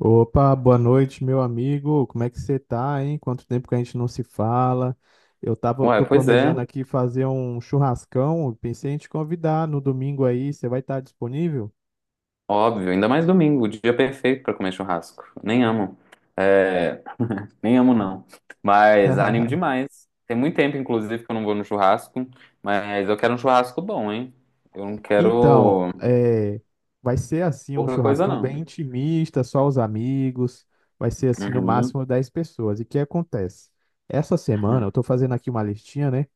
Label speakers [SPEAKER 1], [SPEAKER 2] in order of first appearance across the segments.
[SPEAKER 1] Opa, boa noite, meu amigo. Como é que você tá, hein? Quanto tempo que a gente não se fala?
[SPEAKER 2] Ué,
[SPEAKER 1] Tô
[SPEAKER 2] pois é,
[SPEAKER 1] planejando aqui fazer um churrascão. Pensei em te convidar no domingo aí. Você vai estar disponível?
[SPEAKER 2] óbvio. Ainda mais domingo, o dia perfeito pra comer churrasco. Nem amo. É, nem amo, não. Mas animo demais. Tem muito tempo, inclusive, que eu não vou no churrasco. Mas eu quero um churrasco bom, hein? Eu não
[SPEAKER 1] Então,
[SPEAKER 2] quero
[SPEAKER 1] vai ser assim um
[SPEAKER 2] pouca coisa,
[SPEAKER 1] churrascão bem
[SPEAKER 2] não.
[SPEAKER 1] intimista, só os amigos. Vai ser assim no
[SPEAKER 2] Uhum,
[SPEAKER 1] máximo 10 pessoas. E o que acontece? Essa semana eu
[SPEAKER 2] uhum,
[SPEAKER 1] tô fazendo aqui uma listinha, né,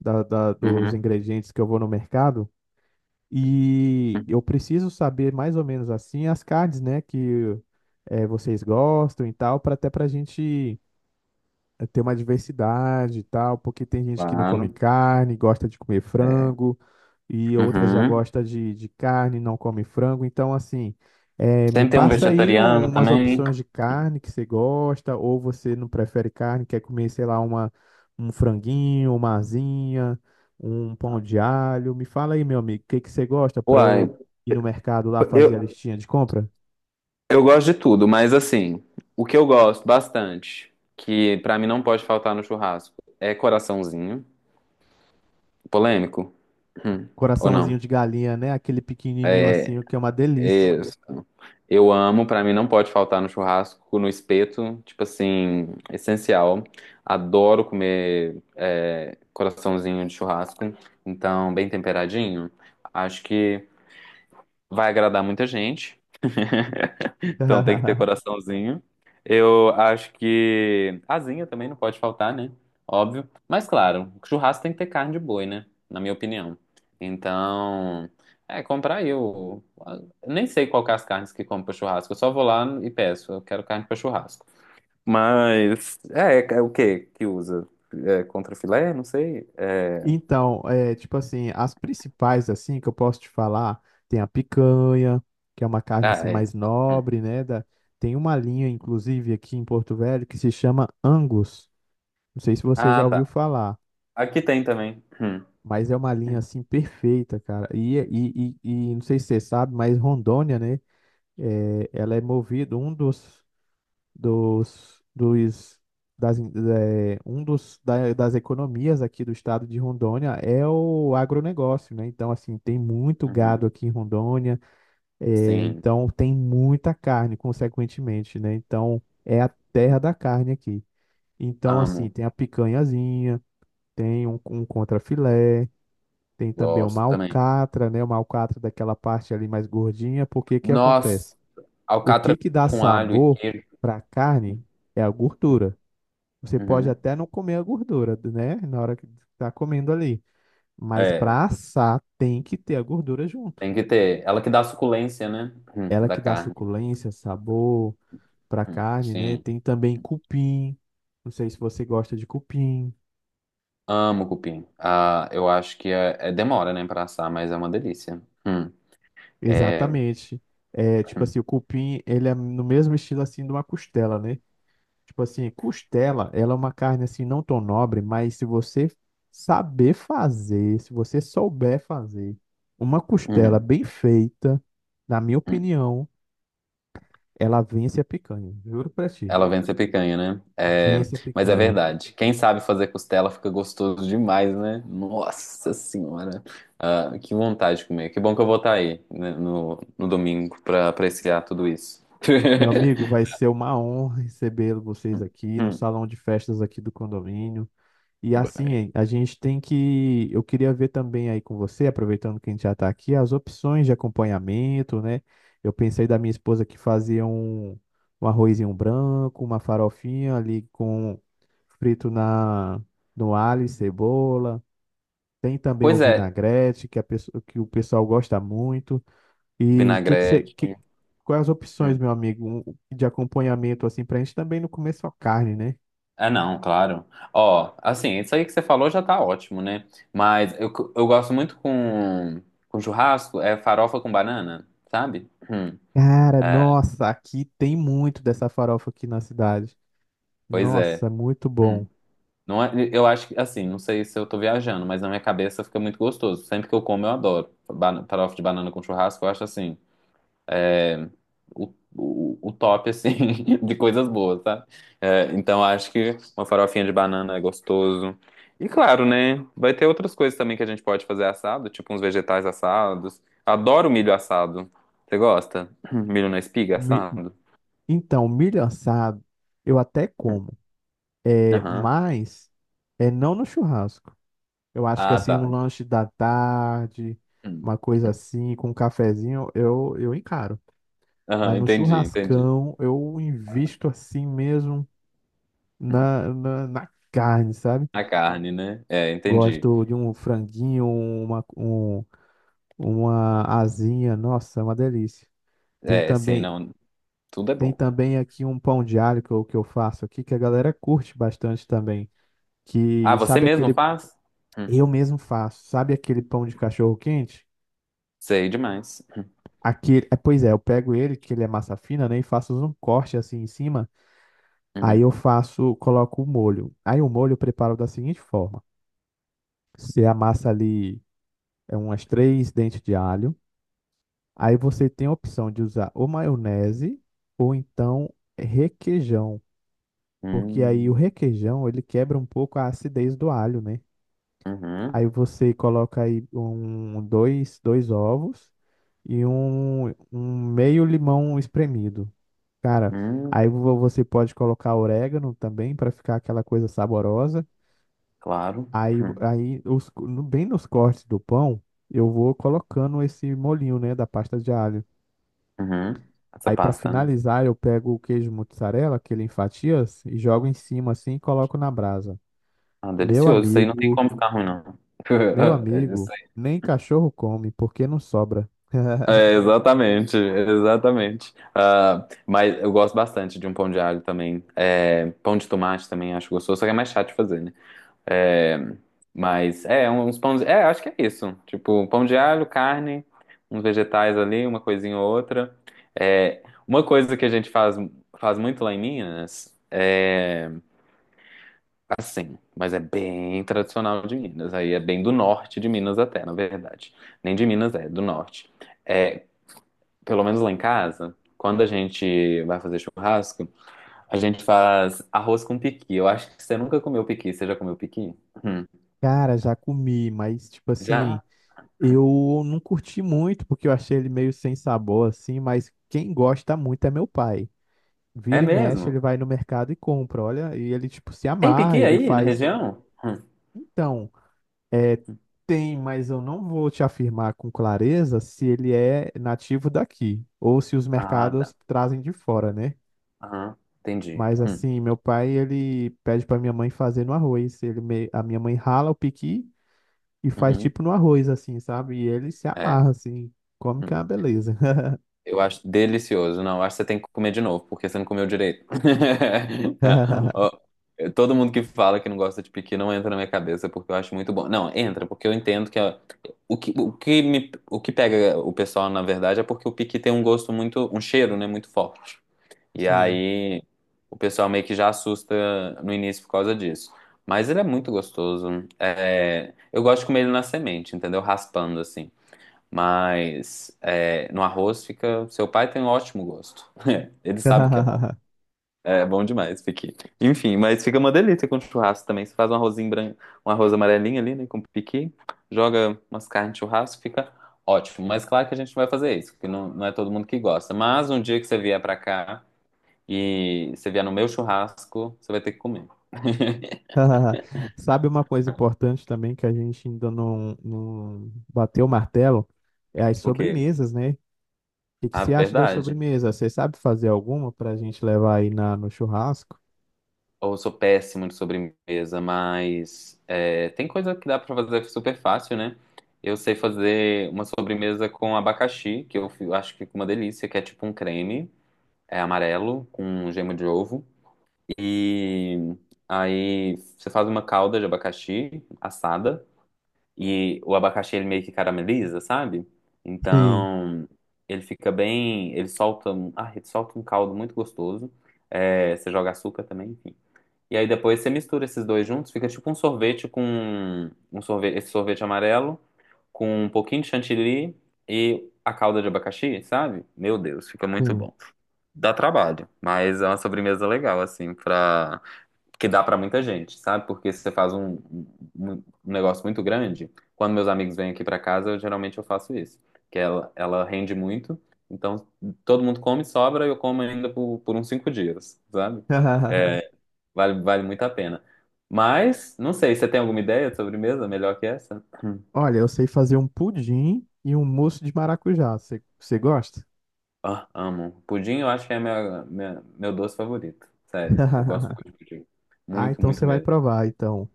[SPEAKER 1] dos
[SPEAKER 2] uhum,
[SPEAKER 1] ingredientes que eu vou no mercado. E eu preciso saber mais ou menos assim as cards, né, que vocês gostam e tal, para até para a gente ter uma diversidade e tal, porque tem gente que não come
[SPEAKER 2] claro.
[SPEAKER 1] carne, gosta de comer frango, e outras já
[SPEAKER 2] Uhum.
[SPEAKER 1] gosta de carne, não come frango. Então, assim, me
[SPEAKER 2] Sempre tem um
[SPEAKER 1] passa aí
[SPEAKER 2] vegetariano
[SPEAKER 1] umas
[SPEAKER 2] também.
[SPEAKER 1] opções de carne que você gosta, ou você não prefere carne, quer comer, sei lá, uma, um franguinho, uma asinha, um pão de alho. Me fala aí, meu amigo, o que que você gosta para
[SPEAKER 2] Uai,
[SPEAKER 1] eu ir no mercado lá fazer a
[SPEAKER 2] eu,
[SPEAKER 1] listinha de compra?
[SPEAKER 2] eu gosto de tudo, mas assim, o que eu gosto bastante, que pra mim não pode faltar no churrasco, é coraçãozinho. Polêmico? Hum. Ou
[SPEAKER 1] Coraçãozinho
[SPEAKER 2] não?
[SPEAKER 1] de galinha, né? Aquele pequenininho assim, o que é uma delícia.
[SPEAKER 2] Eu amo, pra mim não pode faltar no churrasco, no espeto, tipo assim, essencial. Adoro comer coraçãozinho de churrasco, então bem temperadinho. Acho que vai agradar muita gente. Então tem que ter coraçãozinho. Eu acho que asinha também não pode faltar, né? Óbvio. Mas claro, churrasco tem que ter carne de boi, né? Na minha opinião. Então, comprar aí o. Nem sei qual que é as carnes que compro pra churrasco. Eu só vou lá e peço. Eu quero carne pra churrasco. Mas é o que que usa? É, contra filé? Não sei. É,
[SPEAKER 1] Então, é, tipo assim, as principais, assim, que eu posso te falar, tem a picanha, que é uma carne,
[SPEAKER 2] ah,
[SPEAKER 1] assim,
[SPEAKER 2] é.
[SPEAKER 1] mais
[SPEAKER 2] Hum.
[SPEAKER 1] nobre, né? Da... Tem uma linha, inclusive, aqui em Porto Velho, que se chama Angus. Não sei se você
[SPEAKER 2] Ah,
[SPEAKER 1] já ouviu
[SPEAKER 2] tá.
[SPEAKER 1] falar,
[SPEAKER 2] Aqui tem também. Hum.
[SPEAKER 1] mas é uma linha, assim, perfeita, cara. E não sei se você sabe, mas Rondônia, né? É, ela é movida, um dos dos, dos das, in- é, um dos das economias aqui do estado de Rondônia é o agronegócio, né? Então, assim, tem muito gado
[SPEAKER 2] Uhum.
[SPEAKER 1] aqui em Rondônia, é,
[SPEAKER 2] Sim,
[SPEAKER 1] então tem muita carne, consequentemente, né? Então, é a terra da carne aqui. Então, assim,
[SPEAKER 2] amo,
[SPEAKER 1] tem a picanhazinha, tem um contrafilé, tem também uma
[SPEAKER 2] gosto também.
[SPEAKER 1] alcatra, né? Uma alcatra daquela parte ali mais gordinha, porque que
[SPEAKER 2] Nossa,
[SPEAKER 1] acontece? O que
[SPEAKER 2] alcatra
[SPEAKER 1] que dá
[SPEAKER 2] com alho e
[SPEAKER 1] sabor
[SPEAKER 2] queijo.
[SPEAKER 1] para a carne é a gordura. Você pode
[SPEAKER 2] Uhum.
[SPEAKER 1] até não comer a gordura, né? Na hora que tá comendo ali. Mas
[SPEAKER 2] É,
[SPEAKER 1] para assar, tem que ter a gordura junto.
[SPEAKER 2] tem que ter. Ela que dá a suculência, né?
[SPEAKER 1] Ela
[SPEAKER 2] Da
[SPEAKER 1] que dá
[SPEAKER 2] carne.
[SPEAKER 1] suculência, sabor para carne, né?
[SPEAKER 2] Sim.
[SPEAKER 1] Tem também cupim. Não sei se você gosta de cupim.
[SPEAKER 2] Amo cupim. Ah, eu acho que demora, né, pra assar, mas é uma delícia. É,
[SPEAKER 1] Exatamente. É, tipo
[SPEAKER 2] hum,
[SPEAKER 1] assim, o cupim, ele é no mesmo estilo assim de uma costela, né? Tipo assim, costela, ela é uma carne assim não tão nobre, mas se você souber fazer uma costela
[SPEAKER 2] uhum,
[SPEAKER 1] bem feita, na minha
[SPEAKER 2] hum.
[SPEAKER 1] opinião, ela vence a picanha. Juro pra ti.
[SPEAKER 2] Ela vem ser picanha, né? É,
[SPEAKER 1] Vence a
[SPEAKER 2] mas é
[SPEAKER 1] picanha.
[SPEAKER 2] verdade. Quem sabe fazer costela fica gostoso demais, né? Nossa Senhora. Ah, que vontade de comer. Que bom que eu vou estar aí, né, no domingo pra apreciar tudo isso.
[SPEAKER 1] Meu amigo, vai ser uma honra receber vocês aqui no
[SPEAKER 2] Hum,
[SPEAKER 1] salão de festas aqui do condomínio. E
[SPEAKER 2] hum.
[SPEAKER 1] assim, a gente tem que... Eu queria ver também aí com você, aproveitando que a gente já está aqui, as opções de acompanhamento, né? Eu pensei da minha esposa que fazia um arrozinho branco, uma farofinha ali com frito na, no alho e cebola. Tem também o
[SPEAKER 2] Pois é,
[SPEAKER 1] vinagrete, que, que o pessoal gosta muito. E que
[SPEAKER 2] vinagrete.
[SPEAKER 1] quais as opções,
[SPEAKER 2] Hum.
[SPEAKER 1] meu amigo, de acompanhamento, assim, para a gente também não comer só carne, né?
[SPEAKER 2] Ah, não, claro. Ó, assim, isso aí que você falou já tá ótimo, né? Mas eu gosto muito com churrasco, é farofa com banana, sabe? Hum.
[SPEAKER 1] Cara,
[SPEAKER 2] É,
[SPEAKER 1] nossa, aqui tem muito dessa farofa aqui na cidade.
[SPEAKER 2] pois é.
[SPEAKER 1] Nossa, muito bom.
[SPEAKER 2] Hum. Não é, eu acho que, assim, não sei se eu tô viajando, mas na minha cabeça fica muito gostoso. Sempre que eu como, eu adoro. Farofa de banana com churrasco, eu acho assim. O top, assim, de coisas boas, tá. É, então acho que uma farofinha de banana é gostoso. E claro, né? Vai ter outras coisas também que a gente pode fazer assado, tipo uns vegetais assados. Adoro milho assado. Você gosta? Milho na espiga
[SPEAKER 1] Mi-
[SPEAKER 2] assado?
[SPEAKER 1] Então, milho assado eu até como,
[SPEAKER 2] Aham.
[SPEAKER 1] mas é não no churrasco. Eu acho que
[SPEAKER 2] Ah,
[SPEAKER 1] assim, um
[SPEAKER 2] tá.
[SPEAKER 1] lanche da tarde,
[SPEAKER 2] Hum.
[SPEAKER 1] uma coisa
[SPEAKER 2] Uhum.
[SPEAKER 1] assim, com um cafezinho, eu encaro.
[SPEAKER 2] Aham,
[SPEAKER 1] Mas no
[SPEAKER 2] entendi, entendi.
[SPEAKER 1] churrascão, eu invisto assim mesmo
[SPEAKER 2] Hum.
[SPEAKER 1] na carne, sabe?
[SPEAKER 2] A carne, né? É, entendi.
[SPEAKER 1] Gosto de um franguinho, uma asinha, nossa, é uma delícia. Tem
[SPEAKER 2] É, sim,
[SPEAKER 1] também,
[SPEAKER 2] não. Tudo é
[SPEAKER 1] tem
[SPEAKER 2] bom.
[SPEAKER 1] também aqui um pão de alho que eu faço aqui, que a galera curte bastante também.
[SPEAKER 2] Ah,
[SPEAKER 1] Que
[SPEAKER 2] você
[SPEAKER 1] sabe
[SPEAKER 2] mesmo
[SPEAKER 1] aquele,
[SPEAKER 2] faz? Hum,
[SPEAKER 1] eu mesmo faço, sabe aquele pão de cachorro quente?
[SPEAKER 2] sei demais.
[SPEAKER 1] Aquele, é, pois é, eu pego ele, que ele é massa fina, né, e faço um corte assim em cima. Aí
[SPEAKER 2] Uhum.
[SPEAKER 1] eu faço, coloco o molho. Aí o molho eu preparo da seguinte forma: você amassa ali umas três dentes de alho. Aí você tem a opção de usar ou maionese ou então requeijão, porque aí o
[SPEAKER 2] Hum,
[SPEAKER 1] requeijão ele quebra um pouco a acidez do alho, né?
[SPEAKER 2] uhum.
[SPEAKER 1] Aí você coloca aí dois ovos e um meio limão espremido. Cara,
[SPEAKER 2] Hum,
[SPEAKER 1] você pode colocar orégano também para ficar aquela coisa saborosa.
[SPEAKER 2] claro.
[SPEAKER 1] Aí,
[SPEAKER 2] Hum,
[SPEAKER 1] aí os, no- bem nos cortes do pão, eu vou colocando esse molinho, né, da pasta de alho.
[SPEAKER 2] uhum. Essa
[SPEAKER 1] Aí pra
[SPEAKER 2] pasta, né?
[SPEAKER 1] finalizar, eu pego o queijo mozzarella, que ele em fatias, e jogo em cima assim e coloco na brasa.
[SPEAKER 2] Ah,
[SPEAKER 1] Meu
[SPEAKER 2] delicioso. Isso aí não tem
[SPEAKER 1] amigo,
[SPEAKER 2] como ficar ruim, não.
[SPEAKER 1] meu
[SPEAKER 2] É isso
[SPEAKER 1] amigo,
[SPEAKER 2] aí.
[SPEAKER 1] nem cachorro come, porque não sobra.
[SPEAKER 2] É, exatamente, exatamente. Ah, mas eu gosto bastante de um pão de alho também. É, pão de tomate também acho gostoso, só que é mais chato de fazer, né? É, mas é, uns pães. É, acho que é isso. Tipo, pão de alho, carne, uns vegetais ali, uma coisinha ou outra. É, uma coisa que a gente faz muito lá em Minas. É, assim, mas é bem tradicional de Minas. Aí é bem do norte de Minas até, na verdade. Nem de Minas é, do norte. É, pelo menos lá em casa, quando a gente vai fazer churrasco, a gente faz arroz com piqui. Eu acho que você nunca comeu piqui. Você já comeu piqui? Hum.
[SPEAKER 1] Cara, já comi, mas tipo assim,
[SPEAKER 2] Já?
[SPEAKER 1] eu não curti muito porque eu achei ele meio sem sabor assim, mas quem gosta muito é meu pai.
[SPEAKER 2] É
[SPEAKER 1] Vira e mexe, ele
[SPEAKER 2] mesmo?
[SPEAKER 1] vai no mercado e compra, olha, e ele tipo se
[SPEAKER 2] Tem
[SPEAKER 1] amarra,
[SPEAKER 2] piqui
[SPEAKER 1] ele
[SPEAKER 2] aí na
[SPEAKER 1] faz.
[SPEAKER 2] região? Hum.
[SPEAKER 1] Então, é, tem, mas eu não vou te afirmar com clareza se ele é nativo daqui ou se os
[SPEAKER 2] Ah, tá.
[SPEAKER 1] mercados trazem de fora, né?
[SPEAKER 2] Aham. Entendi.
[SPEAKER 1] Mas
[SPEAKER 2] Hum.
[SPEAKER 1] assim, meu pai, ele pede pra minha mãe fazer no arroz. A minha mãe rala o piqui e faz
[SPEAKER 2] Uhum.
[SPEAKER 1] tipo no arroz, assim, sabe? E ele se
[SPEAKER 2] É.
[SPEAKER 1] amarra, assim. Come que
[SPEAKER 2] Hum.
[SPEAKER 1] é uma beleza.
[SPEAKER 2] Eu acho delicioso. Não, eu acho que você tem que comer de novo, porque você não comeu direito. Ó, todo mundo que fala que não gosta de piqui não entra na minha cabeça, porque eu acho muito bom. Não, entra, porque eu entendo que ó, o que me, o que pega o pessoal, na verdade, é porque o piqui tem um gosto muito, um cheiro, né, muito forte. E
[SPEAKER 1] Sim.
[SPEAKER 2] aí o pessoal meio que já assusta no início por causa disso. Mas ele é muito gostoso. É, eu gosto de comer ele na semente, entendeu? Raspando assim. Mas é, no arroz fica. Seu pai tem um ótimo gosto. Ele sabe que é bom. É bom demais, piqui. Enfim, mas fica uma delícia com churrasco também. Você faz um arrozinho branco, um arroz amarelinho ali, né, com piqui, joga umas carnes de churrasco, fica ótimo. Mas claro que a gente não vai fazer isso, porque não é todo mundo que gosta. Mas um dia que você vier pra cá e você vier no meu churrasco, você vai ter que comer.
[SPEAKER 1] Sabe uma coisa importante também que a gente ainda não bateu o martelo? É as
[SPEAKER 2] O quê?
[SPEAKER 1] sobremesas, né? O que que
[SPEAKER 2] A
[SPEAKER 1] você acha das
[SPEAKER 2] verdade.
[SPEAKER 1] sobremesas? Você sabe fazer alguma para a gente levar aí na, no churrasco?
[SPEAKER 2] Ou sou péssimo de sobremesa, mas tem coisa que dá pra fazer super fácil, né? Eu sei fazer uma sobremesa com abacaxi, que eu acho que fica uma delícia, que é tipo um creme, é amarelo, com um gema de ovo. E aí você faz uma calda de abacaxi assada, e o abacaxi ele meio que carameliza, sabe?
[SPEAKER 1] Sim,
[SPEAKER 2] Então ele fica bem. Ele solta um caldo muito gostoso. É, você joga açúcar também, e aí depois você mistura esses dois juntos, fica tipo um sorvete com um sorvete, esse sorvete amarelo com um pouquinho de chantilly e a calda de abacaxi, sabe? Meu Deus, fica muito
[SPEAKER 1] sim.
[SPEAKER 2] bom. Dá trabalho, mas é uma sobremesa legal assim para que dá pra muita gente, sabe? Porque se você faz um, um negócio muito grande, quando meus amigos vêm aqui pra casa, eu geralmente eu faço isso, que ela rende muito. Então, todo mundo come, sobra, e eu como ainda por uns 5 dias, sabe? Vale, vale muito a pena. Mas, não sei, você tem alguma ideia de sobremesa melhor que essa? Hum.
[SPEAKER 1] Olha, eu sei fazer um pudim e um mousse de maracujá. Você gosta?
[SPEAKER 2] Ah, amo. Pudim eu acho que é meu doce favorito. Sério, eu gosto muito de pudim.
[SPEAKER 1] Ah,
[SPEAKER 2] Muito,
[SPEAKER 1] então
[SPEAKER 2] muito
[SPEAKER 1] você vai
[SPEAKER 2] mesmo.
[SPEAKER 1] provar, então.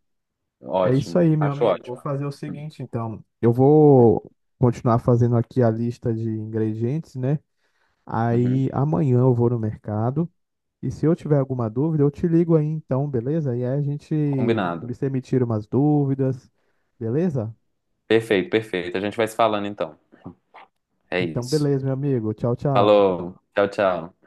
[SPEAKER 1] É isso
[SPEAKER 2] Ótimo,
[SPEAKER 1] aí, meu
[SPEAKER 2] acho
[SPEAKER 1] amigo. Vou
[SPEAKER 2] ótimo.
[SPEAKER 1] fazer o
[SPEAKER 2] Hum.
[SPEAKER 1] seguinte, então. Eu vou continuar fazendo aqui a lista de ingredientes, né?
[SPEAKER 2] Uhum.
[SPEAKER 1] Aí amanhã eu vou no mercado. E se eu tiver alguma dúvida, eu te ligo aí então, beleza? E aí a gente,
[SPEAKER 2] Combinado.
[SPEAKER 1] você me tira umas dúvidas, beleza?
[SPEAKER 2] Perfeito, perfeito. A gente vai se falando então. É
[SPEAKER 1] Então,
[SPEAKER 2] isso.
[SPEAKER 1] beleza, meu amigo. Tchau, tchau.
[SPEAKER 2] Falou, tchau, tchau.